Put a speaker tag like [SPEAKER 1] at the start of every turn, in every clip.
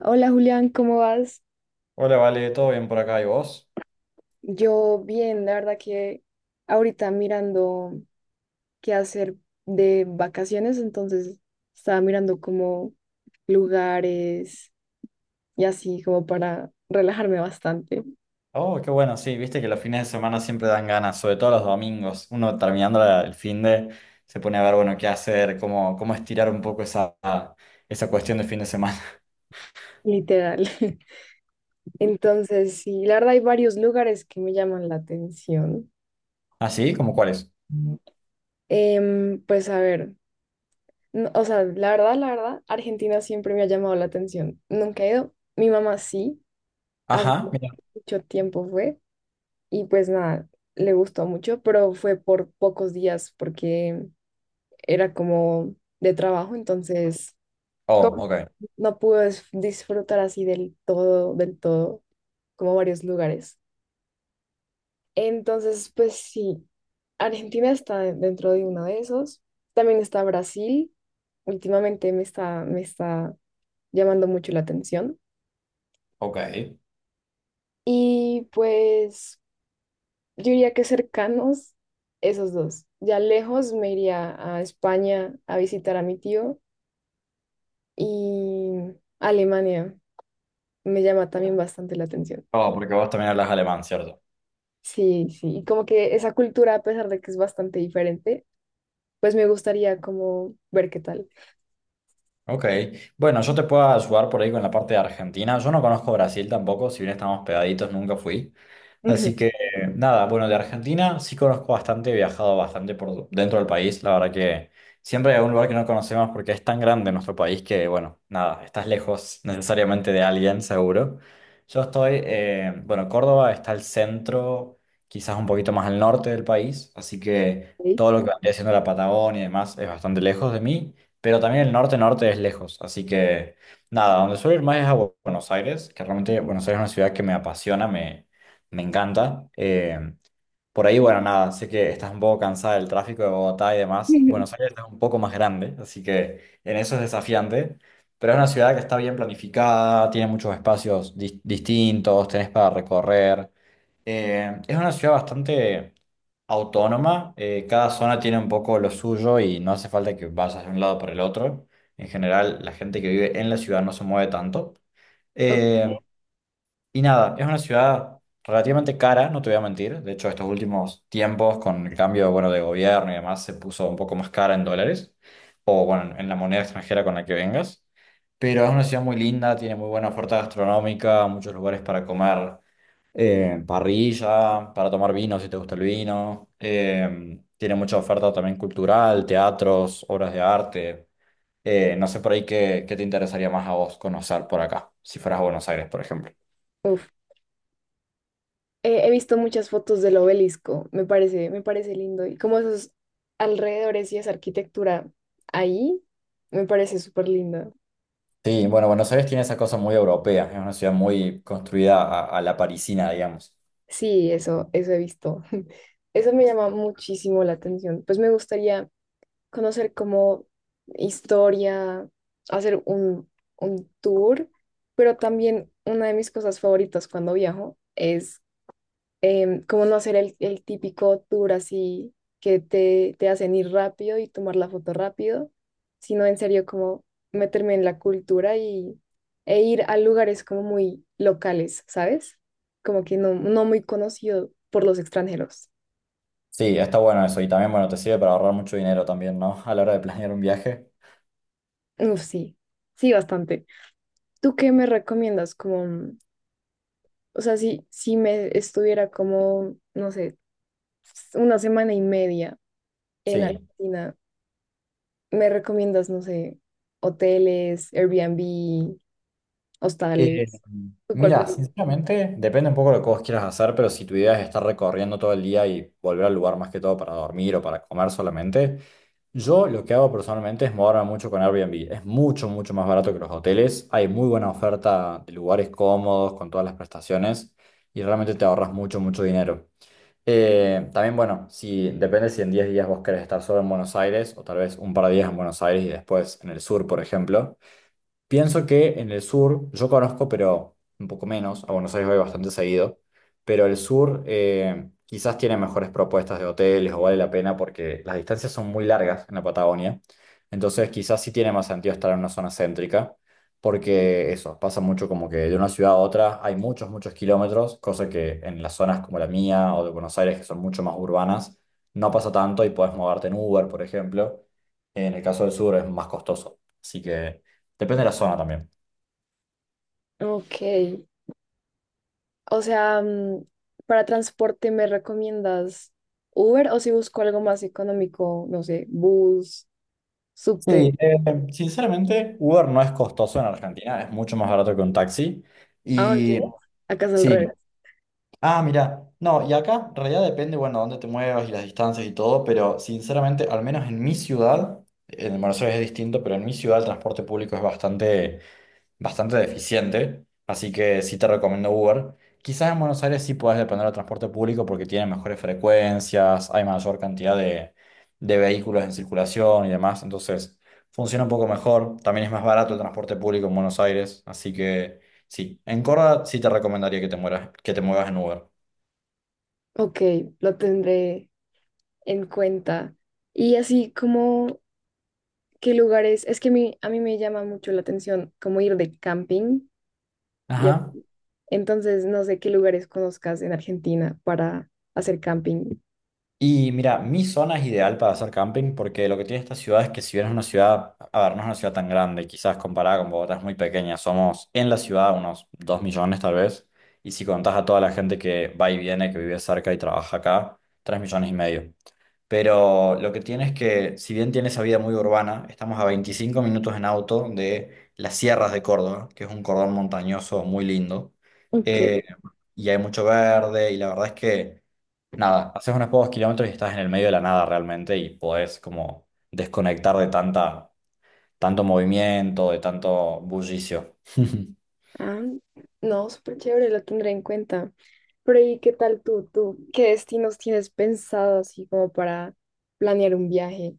[SPEAKER 1] Hola Julián, ¿cómo vas?
[SPEAKER 2] Hola, Vale, ¿todo bien por acá? ¿Y vos?
[SPEAKER 1] Yo bien, la verdad que ahorita mirando qué hacer de vacaciones, entonces estaba mirando como lugares y así como para relajarme bastante,
[SPEAKER 2] Oh, qué bueno, sí, viste que los fines de semana siempre dan ganas, sobre todo los domingos. Uno terminando el fin de se pone a ver, bueno, qué hacer, cómo estirar un poco esa cuestión de fin de semana.
[SPEAKER 1] literal. Entonces, sí, la verdad hay varios lugares que me llaman la atención.
[SPEAKER 2] ¿Ah, sí? ¿Cómo cuáles?
[SPEAKER 1] Pues a ver, no- o sea, la verdad, Argentina siempre me ha llamado la atención. Nunca he ido, mi mamá sí, hace
[SPEAKER 2] Ajá, mira.
[SPEAKER 1] mucho tiempo fue. Y pues nada, le gustó mucho, pero fue por pocos días porque era como de trabajo, entonces
[SPEAKER 2] Oh,
[SPEAKER 1] como no pude disfrutar así del todo, como varios lugares. Entonces, pues sí, Argentina está dentro de uno de esos. También está Brasil, últimamente me está llamando mucho la atención.
[SPEAKER 2] ok.
[SPEAKER 1] Y pues... Yo diría que cercanos, esos dos. Ya lejos me iría a España a visitar a mi tío y Alemania me llama también bastante la atención.
[SPEAKER 2] Oh, porque vos también hablas alemán, ¿cierto?
[SPEAKER 1] Sí, sí, y como que esa cultura, a pesar de que es bastante diferente, pues me gustaría como ver qué tal.
[SPEAKER 2] Ok. Bueno, yo te puedo ayudar por ahí con la parte de Argentina. Yo no conozco Brasil tampoco, si bien estamos pegaditos, nunca fui.
[SPEAKER 1] Ujú,
[SPEAKER 2] Así que nada, bueno, de Argentina sí conozco bastante, he viajado bastante por dentro del país. La verdad que siempre hay un lugar que no conocemos porque es tan grande nuestro país que, bueno, nada, estás lejos necesariamente de alguien, seguro. Yo estoy, bueno, Córdoba está al centro, quizás un poquito más al norte del país, así que
[SPEAKER 1] sí.
[SPEAKER 2] todo lo que vendría siendo la Patagonia y demás es bastante lejos de mí, pero también el norte-norte es lejos, así que nada, donde suelo ir más es a Buenos Aires, que realmente Buenos Aires es una ciudad que me apasiona, me encanta. Por ahí, bueno, nada, sé que estás un poco cansada del tráfico de Bogotá y demás. Buenos Aires es un poco más grande, así que en eso es desafiante. Pero es una ciudad que está bien planificada, tiene muchos espacios distintos, tenés para recorrer. Es una ciudad bastante autónoma, cada zona tiene un poco lo suyo y no hace falta que vayas de un lado para el otro. En general, la gente que vive en la ciudad no se mueve tanto.
[SPEAKER 1] Ok,
[SPEAKER 2] Eh, y nada, es una ciudad relativamente cara, no te voy a mentir. De hecho, estos últimos tiempos, con el cambio, bueno, de gobierno y demás, se puso un poco más cara en dólares o, bueno, en la moneda extranjera con la que vengas. Pero es una ciudad muy linda, tiene muy buena oferta gastronómica, muchos lugares para comer parrilla, para tomar vino si te gusta el vino. Tiene mucha oferta también cultural, teatros, obras de arte. No sé por ahí qué te interesaría más a vos conocer por acá, si fueras a Buenos Aires, por ejemplo.
[SPEAKER 1] uf. He visto muchas fotos del obelisco, me parece lindo y como esos alrededores y esa arquitectura ahí, me parece súper linda.
[SPEAKER 2] Sí, bueno, Buenos Aires tiene esa cosa muy europea, es una ciudad muy construida a la parisina, digamos.
[SPEAKER 1] Sí, eso he visto. Eso me llama muchísimo la atención. Pues me gustaría conocer como historia, hacer un tour, pero también una de mis cosas favoritas cuando viajo es como no hacer el típico tour así que te hacen ir rápido y tomar la foto rápido, sino en serio como meterme en la cultura y, e ir a lugares como muy locales, ¿sabes? Como que no, no muy conocido por los extranjeros.
[SPEAKER 2] Sí, está bueno eso, y también, bueno, te sirve para ahorrar mucho dinero también, ¿no? A la hora de planear un viaje.
[SPEAKER 1] Uf, sí, sí, bastante. ¿Tú qué me recomiendas? Como, mm, o sea, si me estuviera como, no sé, una semana y media en
[SPEAKER 2] Sí.
[SPEAKER 1] Argentina. ¿Me recomiendas, no sé, hoteles, Airbnb,
[SPEAKER 2] Eh,
[SPEAKER 1] hostales? ¿Tú ¿Cuál? Pre-
[SPEAKER 2] Mira, sinceramente, depende un poco de lo que vos quieras hacer, pero si tu idea es estar recorriendo todo el día y volver al lugar más que todo para dormir o para comer solamente, yo lo que hago personalmente es moverme mucho con Airbnb. Es mucho más barato que los hoteles. Hay muy buena oferta de lugares cómodos, con todas las prestaciones, y realmente te ahorras mucho dinero. También, bueno, si depende si en 10 días vos querés estar solo en Buenos Aires o tal vez un par de días en Buenos Aires y después en el sur, por ejemplo. Pienso que en el sur, yo conozco, pero un poco menos, a Buenos Aires voy bastante seguido, pero el sur quizás tiene mejores propuestas de hoteles o vale la pena porque las distancias son muy largas en la Patagonia, entonces quizás sí tiene más sentido estar en una zona céntrica, porque eso, pasa mucho como que de una ciudad a otra hay muchos kilómetros, cosa que en las zonas como la mía o de Buenos Aires, que son mucho más urbanas, no pasa tanto y puedes moverte en Uber, por ejemplo, en el caso del sur es más costoso. Así que... Depende de la zona también.
[SPEAKER 1] Ok. O sea, mm, para transporte, ¿me recomiendas Uber o si busco algo más económico, no sé, bus,
[SPEAKER 2] Sí,
[SPEAKER 1] subte?
[SPEAKER 2] Sinceramente, Uber no es costoso en Argentina, es mucho más barato que un taxi.
[SPEAKER 1] Ah, ¿en serio?
[SPEAKER 2] Y
[SPEAKER 1] Acá es al revés.
[SPEAKER 2] sí, ah, mira, no, y acá en realidad depende, bueno, dónde te muevas y las distancias y todo, pero sinceramente, al menos en mi ciudad, en Buenos Aires es distinto, pero en mi ciudad el transporte público es bastante deficiente, así que sí te recomiendo Uber. Quizás en Buenos Aires sí puedes depender del transporte público porque tiene mejores frecuencias, hay mayor cantidad de vehículos en circulación y demás, entonces funciona un poco mejor. También es más barato el transporte público en Buenos Aires, así que sí, en Córdoba sí te recomendaría que te mueras, que te muevas en Uber.
[SPEAKER 1] Ok, lo tendré en cuenta. Y así como, ¿qué lugares? Es que a mí me llama mucho la atención como ir de camping. Y
[SPEAKER 2] Ajá.
[SPEAKER 1] entonces, no sé qué lugares conozcas en Argentina para hacer camping.
[SPEAKER 2] Y mira, mi zona es ideal para hacer camping porque lo que tiene esta ciudad es que si bien es una ciudad, a ver, no es una ciudad tan grande, quizás comparada con Bogotá es muy pequeña, somos en la ciudad unos 2 millones tal vez, y si contás a toda la gente que va y viene, que vive cerca y trabaja acá, 3,5 millones. Pero lo que tiene es que si bien tiene esa vida muy urbana, estamos a 25 minutos en auto de las sierras de Córdoba, que es un cordón montañoso muy lindo, eh,
[SPEAKER 1] Ok.
[SPEAKER 2] y hay mucho verde, y la verdad es que... Nada, haces unos pocos kilómetros y estás en el medio de la nada realmente y podés como desconectar de tanta, tanto movimiento, de tanto bullicio.
[SPEAKER 1] Ah, no, súper chévere, lo tendré en cuenta. Pero ¿y qué tal tú? ¿Tú qué destinos tienes pensado así como para planear un viaje?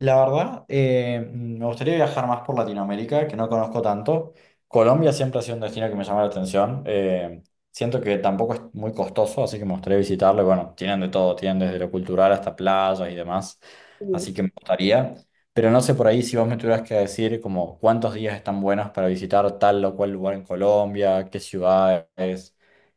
[SPEAKER 2] La verdad, me gustaría viajar más por Latinoamérica, que no conozco tanto. Colombia siempre ha sido un destino que me llama la atención. Siento que tampoco es muy costoso, así que me gustaría visitarlo. Y bueno, tienen de todo, tienen desde lo cultural hasta playas y demás.
[SPEAKER 1] Sí.
[SPEAKER 2] Así que me gustaría. Pero no sé por ahí si vos me tuvieras que decir como cuántos días están buenos para visitar tal o cual lugar en Colombia, qué ciudades,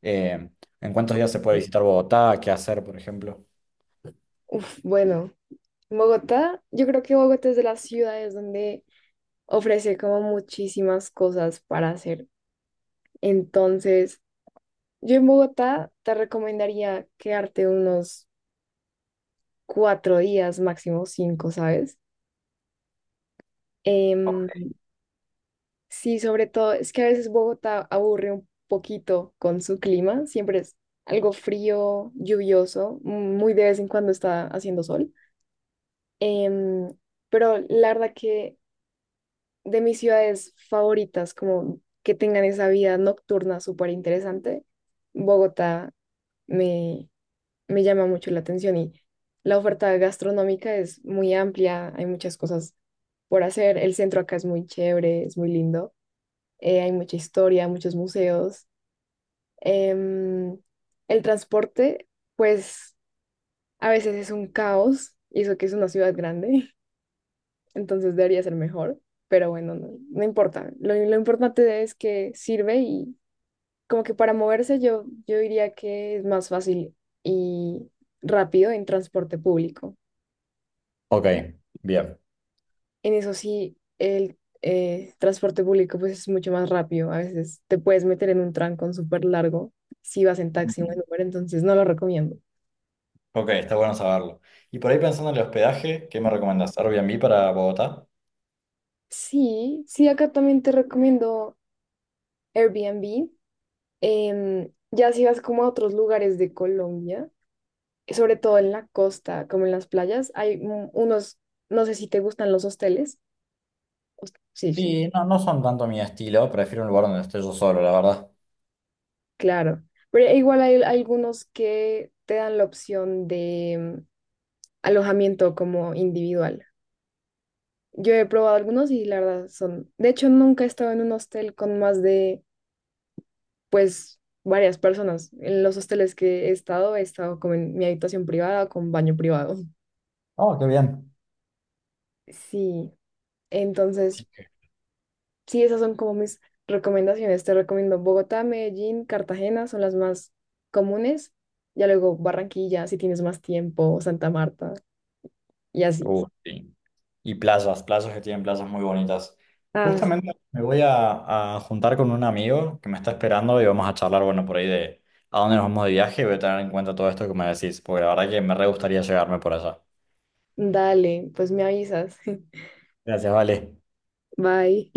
[SPEAKER 2] eh, en cuántos días se puede
[SPEAKER 1] Sí.
[SPEAKER 2] visitar Bogotá, qué hacer, por ejemplo.
[SPEAKER 1] Uf, bueno, Bogotá, yo creo que Bogotá es de las ciudades donde ofrece como muchísimas cosas para hacer. Entonces, yo en Bogotá te recomendaría quedarte unos 4 días, máximo 5, ¿sabes? Em, sí, sobre todo, es que a veces Bogotá aburre un poquito con su clima, siempre es algo frío, lluvioso, muy de vez en cuando está haciendo sol. Em, pero la verdad que de mis ciudades favoritas, como que tengan esa vida nocturna súper interesante, Bogotá me, me llama mucho la atención y la oferta gastronómica es muy amplia, hay muchas cosas por hacer, el centro acá es muy chévere, es muy lindo. Hay mucha historia, muchos museos. Em, el transporte, pues a veces es un caos, y eso que es una ciudad grande, entonces debería ser mejor, pero bueno, no, no importa. Lo importante es que sirve y como que para moverse yo diría que es más fácil y rápido en transporte público.
[SPEAKER 2] Ok, bien.
[SPEAKER 1] En eso sí, el transporte público pues es mucho más rápido. A veces te puedes meter en un trancón súper largo si vas en taxi o en Uber, entonces no lo recomiendo.
[SPEAKER 2] Ok, está bueno saberlo. Y por ahí pensando en el hospedaje, ¿qué me recomendás? ¿Airbnb para Bogotá?
[SPEAKER 1] Sí, sí, acá también te recomiendo Airbnb. Ya si vas como a otros lugares de Colombia, sobre todo en la costa, como en las playas, hay unos, no sé si te gustan los hosteles. Sí, sí,
[SPEAKER 2] Y no, no son tanto mi estilo, prefiero un lugar donde esté yo solo, la verdad.
[SPEAKER 1] claro. Pero igual hay algunos que te dan la opción de alojamiento como individual. Yo he probado algunos y la verdad son. De hecho, nunca he estado en un hostel con más de, pues, varias personas. En los hosteles que he estado como en mi habitación privada, con baño privado.
[SPEAKER 2] Oh, qué bien.
[SPEAKER 1] Sí,
[SPEAKER 2] Sí.
[SPEAKER 1] entonces, sí, esas son como mis recomendaciones. Te recomiendo Bogotá, Medellín, Cartagena, son las más comunes. Ya luego Barranquilla, si tienes más tiempo, Santa Marta y así.
[SPEAKER 2] Sí. Y playas, playas que tienen playas muy bonitas.
[SPEAKER 1] Ah,
[SPEAKER 2] Justamente me voy a juntar con un amigo que me está esperando y vamos a charlar, bueno, por ahí de a dónde nos vamos de viaje y voy a tener en cuenta todo esto que me decís, porque la verdad que me re gustaría llegarme por allá.
[SPEAKER 1] dale, pues me avisas.
[SPEAKER 2] Gracias, vale.
[SPEAKER 1] Bye.